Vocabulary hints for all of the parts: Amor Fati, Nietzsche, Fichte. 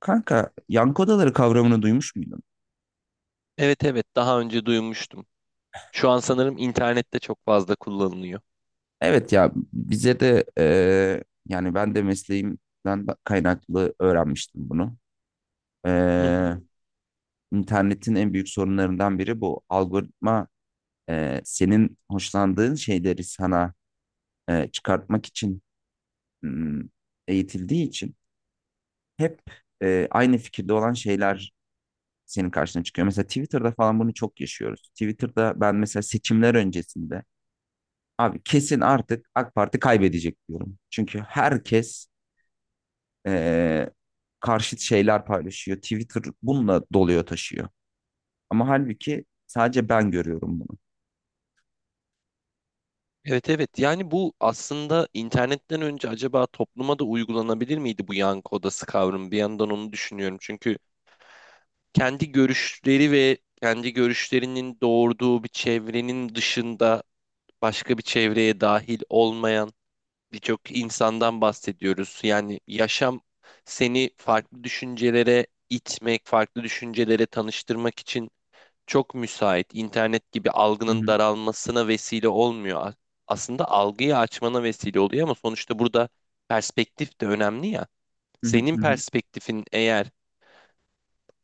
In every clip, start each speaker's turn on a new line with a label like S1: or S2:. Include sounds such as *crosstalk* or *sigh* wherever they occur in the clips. S1: Kanka yankı odaları kavramını duymuş muydun?
S2: Evet, evet, daha önce duymuştum. Şu an sanırım internette çok fazla kullanılıyor.
S1: Evet ya bize de yani ben de mesleğimden kaynaklı öğrenmiştim bunu.
S2: Hı hı.
S1: Eee internetin en büyük sorunlarından biri bu. Algoritma senin hoşlandığın şeyleri sana çıkartmak için hmm, eğitildiği için hep aynı fikirde olan şeyler senin karşına çıkıyor. Mesela Twitter'da falan bunu çok yaşıyoruz. Twitter'da ben mesela seçimler öncesinde abi kesin artık AK Parti kaybedecek diyorum. Çünkü herkes eee, karşıt şeyler paylaşıyor. Twitter bununla doluyor taşıyor. Ama halbuki sadece ben görüyorum bunu.
S2: Evet, evet, yani bu aslında internetten önce acaba topluma da uygulanabilir miydi bu yankı odası kavramı? Bir yandan onu düşünüyorum. Çünkü kendi görüşleri ve kendi görüşlerinin doğurduğu bir çevrenin dışında başka bir çevreye dahil olmayan birçok insandan bahsediyoruz. Yani yaşam seni farklı düşüncelere itmek, farklı düşüncelere tanıştırmak için çok müsait. İnternet gibi
S1: Hı
S2: algının
S1: hı,
S2: daralmasına vesile olmuyor. Aslında algıyı açmana vesile oluyor ama sonuçta burada perspektif de önemli ya.
S1: hı hı,
S2: Senin
S1: hı hı.
S2: perspektifin eğer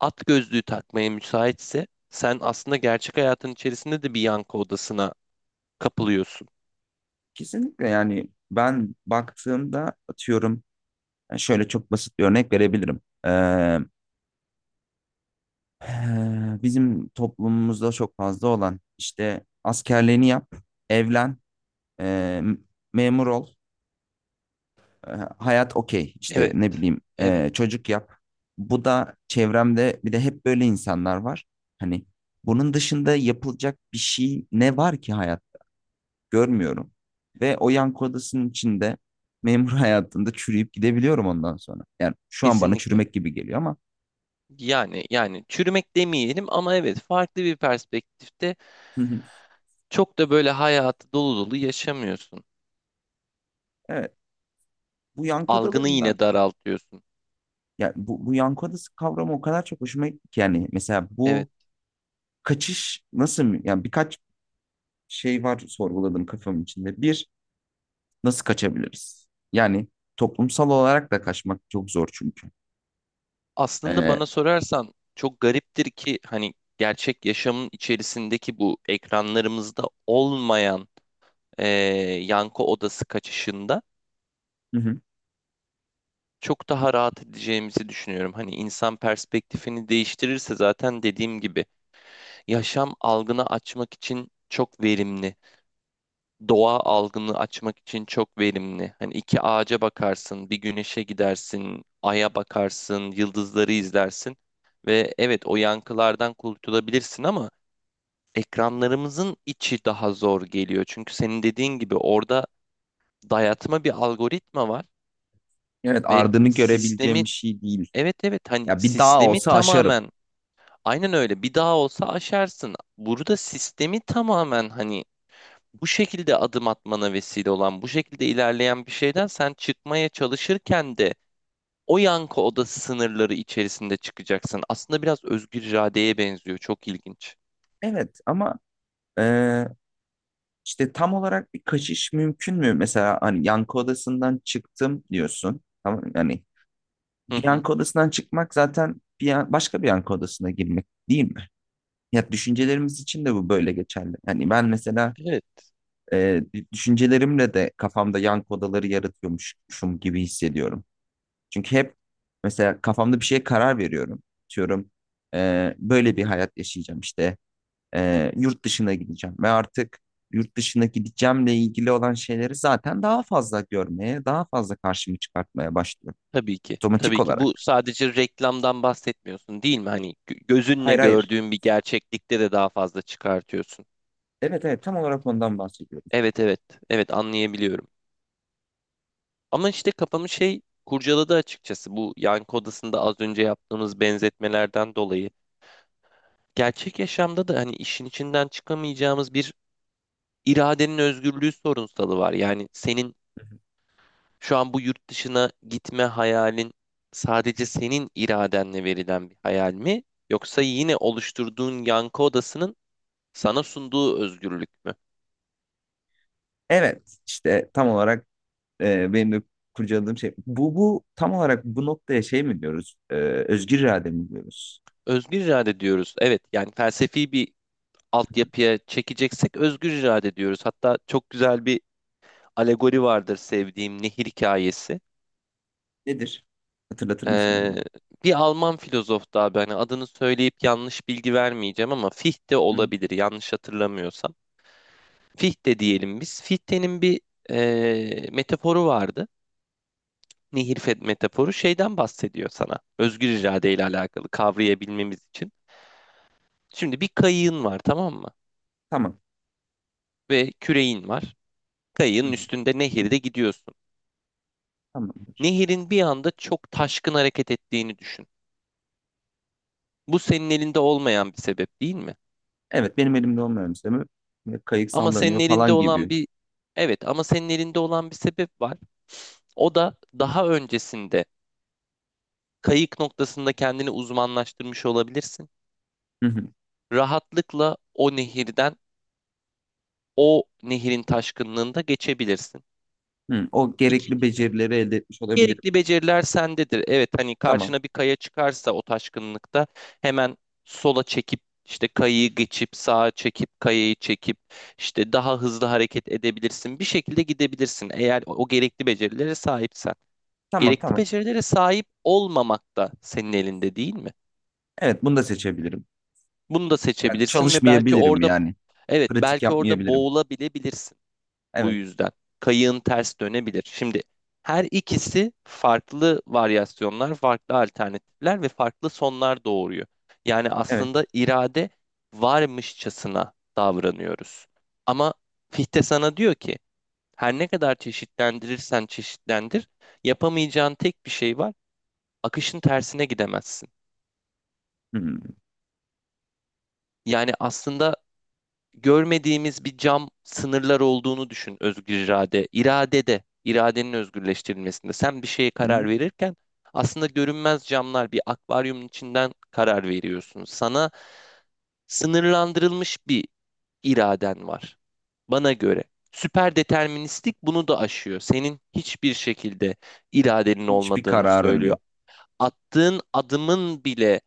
S2: at gözlüğü takmaya müsaitse sen aslında gerçek hayatın içerisinde de bir yankı odasına kapılıyorsun.
S1: Kesinlikle, yani ben baktığımda atıyorum, yani şöyle çok basit bir örnek verebilirim. Bizim toplumumuzda çok fazla olan işte, askerliğini yap, evlen, eee, memur ol. E, Hayat okey işte,
S2: Evet,
S1: ne bileyim,
S2: evet,
S1: çocuk yap. Bu da, çevremde bir de hep böyle insanlar var. Hani bunun dışında yapılacak bir şey ne var ki hayat, görmüyorum. Ve o yankı odasının içinde memur *laughs* hayatında çürüyüp gidebiliyorum ondan sonra. Yani şu an bana
S2: kesinlikle.
S1: çürümek gibi geliyor ama.
S2: Yani çürümek demeyelim ama evet, farklı bir perspektifte
S1: *laughs*
S2: çok da böyle hayatı dolu dolu yaşamıyorsun.
S1: Evet, bu yankı
S2: Algını
S1: odalarından,
S2: yine daraltıyorsun.
S1: ya bu, bu yankı odası kavramı o kadar çok hoşuma gitti ki, yani mesela
S2: Evet.
S1: bu kaçış nasıl, yani birkaç şey var sorguladım kafamın içinde. Bir, nasıl kaçabiliriz? Yani toplumsal olarak da kaçmak çok zor çünkü.
S2: Aslında
S1: Ee,
S2: bana sorarsan çok gariptir ki hani gerçek yaşamın içerisindeki bu ekranlarımızda olmayan eee yankı odası kaçışında
S1: hı hı.
S2: çok daha rahat edeceğimizi düşünüyorum. Hani insan perspektifini değiştirirse zaten dediğim gibi yaşam algını açmak için çok verimli. Doğa algını açmak için çok verimli. Hani iki ağaca bakarsın, bir güneşe gidersin, aya bakarsın, yıldızları izlersin ve evet, o yankılardan kurtulabilirsin ama ekranlarımızın içi daha zor geliyor. Çünkü senin dediğin gibi orada dayatma bir algoritma var
S1: Evet,
S2: ve
S1: ardını görebileceğim
S2: sistemi,
S1: bir şey değil.
S2: evet, evet, hani
S1: Ya bir dağ
S2: sistemi
S1: olsa aşarım.
S2: tamamen aynen öyle, bir daha olsa aşarsın. Burada sistemi tamamen hani bu şekilde adım atmana vesile olan, bu şekilde ilerleyen bir şeyden sen çıkmaya çalışırken de o yankı odası sınırları içerisinde çıkacaksın. Aslında biraz özgür iradeye benziyor. Çok ilginç.
S1: Evet ama e, işte tam olarak bir kaçış mümkün mü? Mesela hani yankı odasından çıktım diyorsun. Tamam yani,
S2: Hı
S1: bir
S2: hı.
S1: yankı odasından çıkmak zaten bir başka bir yankı odasına girmek değil mi? Ya düşüncelerimiz için de bu böyle geçerli. Yani ben mesela
S2: Evet.
S1: e, düşüncelerimle de kafamda yankı odaları yaratıyormuşum gibi hissediyorum. Çünkü hep mesela kafamda bir şeye karar veriyorum. Diyorum böyle bir hayat yaşayacağım işte. Yurt dışına gideceğim ve artık yurt dışına gideceğimle ilgili olan şeyleri zaten daha fazla görmeye, daha fazla karşımı çıkartmaya başlıyorum.
S2: Tabii ki.
S1: Otomatik
S2: Tabii ki. Bu
S1: olarak.
S2: sadece reklamdan bahsetmiyorsun değil mi? Hani gözünle
S1: Hayır hayır.
S2: gördüğün bir gerçeklikte de daha fazla çıkartıyorsun.
S1: Evet evet, tam olarak ondan bahsediyorum.
S2: Evet, evet. Evet, anlayabiliyorum. Ama işte kafamı şey kurcaladı açıkçası. Bu yankı odasında az önce yaptığımız benzetmelerden dolayı. Gerçek yaşamda da hani işin içinden çıkamayacağımız bir iradenin özgürlüğü sorunsalı var. Yani senin Şu an bu yurt dışına gitme hayalin sadece senin iradenle verilen bir hayal mi? Yoksa yine oluşturduğun yankı odasının sana sunduğu özgürlük mü?
S1: Evet, işte tam olarak benim de kurcaladığım şey bu, bu tam olarak bu noktaya şey mi diyoruz? Özgür irade mi diyoruz?
S2: Özgür irade diyoruz. Evet, yani felsefi bir altyapıya çekeceksek özgür irade diyoruz. Hatta çok güzel bir alegori vardır sevdiğim, nehir hikayesi.
S1: Nedir? Hatırlatır mısın
S2: Ee,
S1: bana?
S2: Bir Alman filozof, daha ben adını söyleyip yanlış bilgi vermeyeceğim ama Fichte
S1: Hı.
S2: olabilir yanlış hatırlamıyorsam. Fichte diyelim biz. Fichte'nin bir metaforu vardı. Metaforu şeyden bahsediyor sana. Özgür irade ile alakalı kavrayabilmemiz için. Şimdi bir kayığın var, tamam mı?
S1: Tamam.
S2: Ve küreğin var. Kayığın üstünde nehirde gidiyorsun.
S1: Tamamdır.
S2: Nehirin bir anda çok taşkın hareket ettiğini düşün. Bu senin elinde olmayan bir sebep değil mi?
S1: Evet, benim elimde olmayan bir şey mi? Ve kayık
S2: Ama senin
S1: sallanıyor
S2: elinde
S1: falan
S2: olan
S1: gibi.
S2: bir evet ama senin elinde olan bir sebep var. O da daha öncesinde kayık noktasında kendini uzmanlaştırmış olabilirsin.
S1: Hı hı.
S2: Rahatlıkla o nehirden, o nehirin taşkınlığında geçebilirsin.
S1: Hı, o gerekli
S2: İkincisi,
S1: becerileri elde etmiş olabilirim.
S2: gerekli beceriler sendedir. Evet, hani
S1: Tamam.
S2: karşına bir kaya çıkarsa o taşkınlıkta hemen sola çekip işte kayayı geçip, sağa çekip kayayı çekip işte daha hızlı hareket edebilirsin. Bir şekilde gidebilirsin eğer o gerekli becerilere sahipsen.
S1: Tamam
S2: Gerekli
S1: tamam.
S2: becerilere sahip olmamak da senin elinde değil mi?
S1: Evet, bunu da seçebilirim.
S2: Bunu da
S1: Yani
S2: seçebilirsin ve belki
S1: çalışmayabilirim
S2: orada,
S1: yani.
S2: evet,
S1: Pratik
S2: belki orada
S1: yapmayabilirim.
S2: boğulabilebilirsin. Bu
S1: Evet.
S2: yüzden kayığın ters dönebilir. Şimdi her ikisi farklı varyasyonlar, farklı alternatifler ve farklı sonlar doğuruyor. Yani
S1: Evet.
S2: aslında irade varmışçasına davranıyoruz. Ama Fichte sana diyor ki her ne kadar çeşitlendirirsen çeşitlendir, yapamayacağın tek bir şey var. Akışın tersine gidemezsin.
S1: Hı hı.
S2: Yani aslında görmediğimiz bir cam sınırlar olduğunu düşün özgür irade. İradede, iradenin özgürleştirilmesinde. Sen bir şeye
S1: Hı hı.
S2: karar verirken aslında görünmez camlar, bir akvaryumun içinden karar veriyorsun. Sana sınırlandırılmış bir iraden var. Bana göre. Süper deterministlik bunu da aşıyor. Senin hiçbir şekilde iradenin
S1: Hiçbir
S2: olmadığını
S1: kararın
S2: söylüyor.
S1: yok.
S2: Attığın adımın bile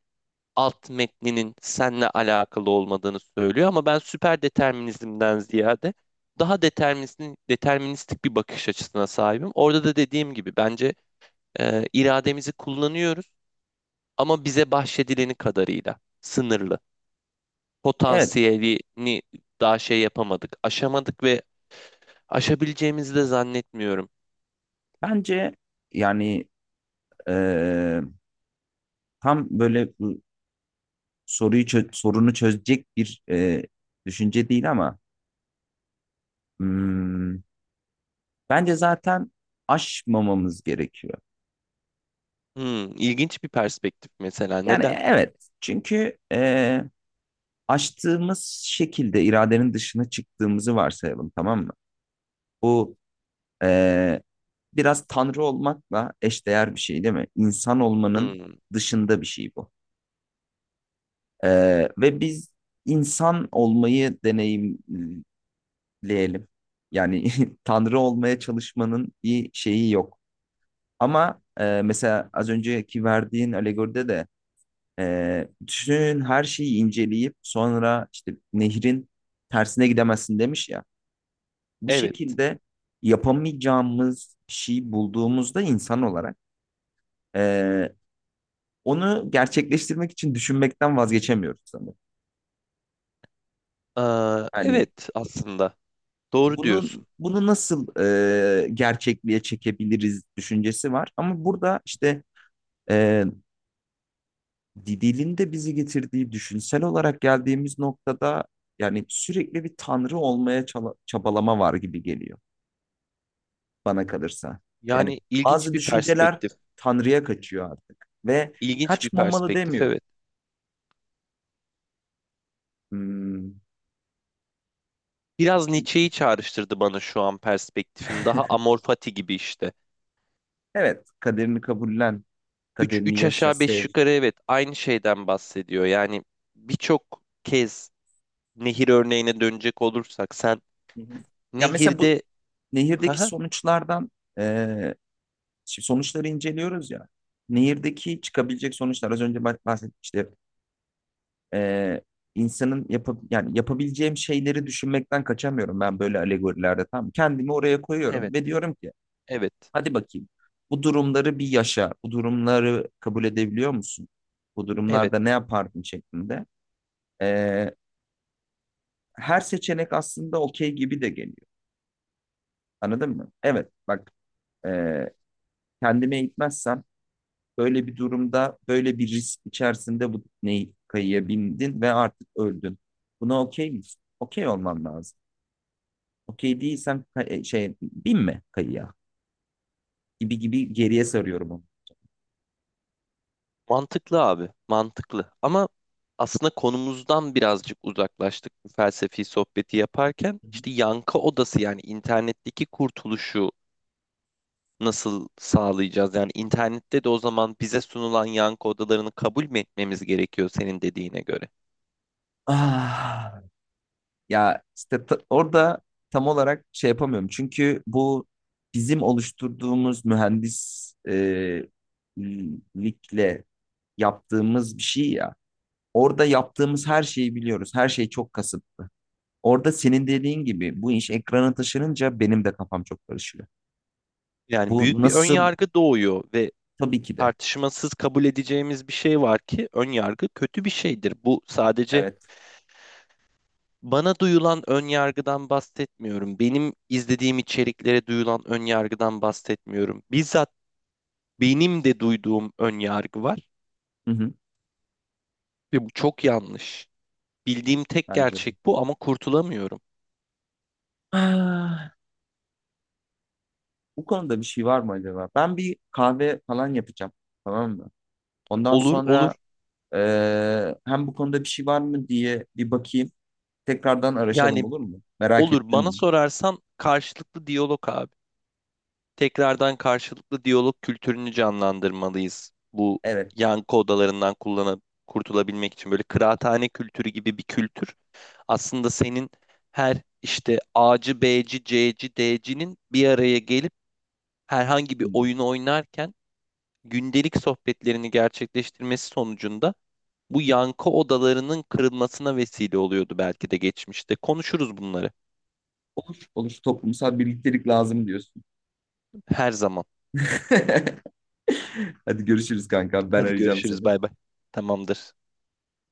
S2: alt metninin seninle alakalı olmadığını söylüyor ama ben süper determinizmden ziyade daha deterministik bir bakış açısına sahibim. Orada da dediğim gibi bence irademizi kullanıyoruz ama bize bahşedileni kadarıyla sınırlı.
S1: Evet.
S2: Potansiyelini daha şey yapamadık, aşamadık ve aşabileceğimizi de zannetmiyorum.
S1: Bence, yani eee, tam böyle, bu soruyu sorunu çözecek bir düşünce değil, ama hmm, bence zaten aşmamamız gerekiyor.
S2: Hmm, ilginç bir perspektif mesela.
S1: Yani
S2: Neden?
S1: evet, çünkü açtığımız şekilde iradenin dışına çıktığımızı varsayalım, tamam mı? Bu e, biraz tanrı olmakla eşdeğer bir şey değil mi? İnsan olmanın
S2: Hmm,
S1: dışında bir şey bu. E, Ve biz insan olmayı deneyimleyelim. Yani *laughs* tanrı olmaya çalışmanın bir şeyi yok. Ama mesela az önceki verdiğin alegoride de bütün her şeyi inceleyip sonra işte nehrin tersine gidemezsin demiş ya. Bu
S2: evet.
S1: şekilde yapamayacağımız bir şey bulduğumuzda insan olarak, ee, onu gerçekleştirmek için düşünmekten vazgeçemiyoruz sanırım.
S2: Aa,
S1: Hani
S2: evet aslında. Doğru
S1: bunun,
S2: diyorsun.
S1: bunu nasıl gerçekliğe çekebiliriz düşüncesi var. Ama burada işte ee, dilin de bizi getirdiği, düşünsel olarak geldiğimiz noktada, yani sürekli bir tanrı olmaya çabalama var gibi geliyor bana kalırsa. Yani
S2: Yani ilginç
S1: bazı
S2: bir
S1: düşünceler
S2: perspektif.
S1: tanrıya kaçıyor artık, ve
S2: İlginç bir
S1: kaçmamalı
S2: perspektif,
S1: demiyorum.
S2: evet.
S1: Hmm,
S2: Biraz Nietzsche'yi çağrıştırdı bana şu an perspektifin. Daha Amor Fati gibi işte.
S1: evet, kaderini kabullen,
S2: 3
S1: kaderini
S2: 3
S1: yaşa,
S2: aşağı 5
S1: sev.
S2: yukarı evet, aynı şeyden bahsediyor. Yani birçok kez nehir örneğine dönecek olursak sen
S1: Hı hı. Ya mesela bu
S2: nehirde
S1: nehirdeki
S2: Haha.
S1: sonuçlardan, eee, şimdi sonuçları inceliyoruz ya. Nehirdeki çıkabilecek sonuçlar az önce bahsetmiştim işte, e, insanın yani yapabileceğim şeyleri düşünmekten kaçamıyorum ben böyle alegorilerde tam. Kendimi oraya koyuyorum
S2: Evet,
S1: ve diyorum ki,
S2: evet,
S1: hadi bakayım, bu durumları bir yaşa, bu durumları kabul edebiliyor musun? Bu durumlarda ne
S2: evet,
S1: yapardın şeklinde. E, Her seçenek aslında okey gibi de geliyor. Anladın mı? Evet bak, e, kendime eğitmezsem böyle bir durumda, böyle bir risk içerisinde, bu tekneyi kayıya bindin ve artık öldün. Buna okey misin? Okey olman lazım. Okey değilsem şey, bin mi kayıya, gibi gibi geriye sarıyorum onu.
S2: mantıklı abi, mantıklı ama aslında konumuzdan birazcık uzaklaştık bu felsefi sohbeti yaparken.
S1: Hı hı.
S2: İşte yankı odası, yani internetteki kurtuluşu nasıl sağlayacağız? Yani internette de o zaman bize sunulan yankı odalarını kabul mü etmemiz gerekiyor senin dediğine göre?
S1: Ah, ya işte orada tam olarak şey yapamıyorum. Çünkü bu bizim oluşturduğumuz mühendislikle yaptığımız bir şey ya. Orada yaptığımız
S2: Evet.
S1: her şeyi biliyoruz. Her şey çok kasıtlı. Orada senin dediğin gibi bu iş ekrana taşınınca benim de kafam çok karışıyor.
S2: Yani
S1: Bu
S2: büyük bir ön
S1: nasıl?
S2: yargı doğuyor ve
S1: Tabii ki de.
S2: tartışmasız kabul edeceğimiz bir şey var ki ön yargı kötü bir şeydir. Bu sadece
S1: Evet.
S2: Bana duyulan ön yargıdan bahsetmiyorum. Benim izlediğim içeriklere duyulan ön yargıdan bahsetmiyorum. Bizzat benim de duyduğum ön yargı var
S1: Hı hı,
S2: ve bu çok yanlış. Bildiğim tek
S1: bence de.
S2: gerçek bu ama kurtulamıyorum.
S1: Ah, bu konuda bir şey var mı acaba? Ben bir kahve falan yapacağım. Tamam mı? Ondan
S2: Olur,
S1: sonra
S2: olur.
S1: hem bu konuda bir şey var mı diye bir bakayım. Tekrardan araşalım,
S2: Yani
S1: olur mu? Merak
S2: olur bana
S1: ettim.
S2: sorarsan, karşılıklı diyalog abi. Tekrardan karşılıklı diyalog kültürünü canlandırmalıyız. Bu
S1: Evet.
S2: yankı odalarından kullanıp kurtulabilmek için böyle kıraathane kültürü gibi bir kültür. Aslında senin her işte A'cı, B'ci, C'ci, D'cinin bir araya gelip herhangi bir
S1: Hmm.
S2: oyunu oynarken gündelik sohbetlerini gerçekleştirmesi sonucunda bu yankı odalarının kırılmasına vesile oluyordu belki de geçmişte. Konuşuruz bunları
S1: Olur. Toplumsal birliktelik lazım diyorsun.
S2: her zaman.
S1: *laughs* Hadi görüşürüz kanka. Ben
S2: Hadi
S1: arayacağım
S2: görüşürüz,
S1: seni.
S2: bay bay. Tamamdır.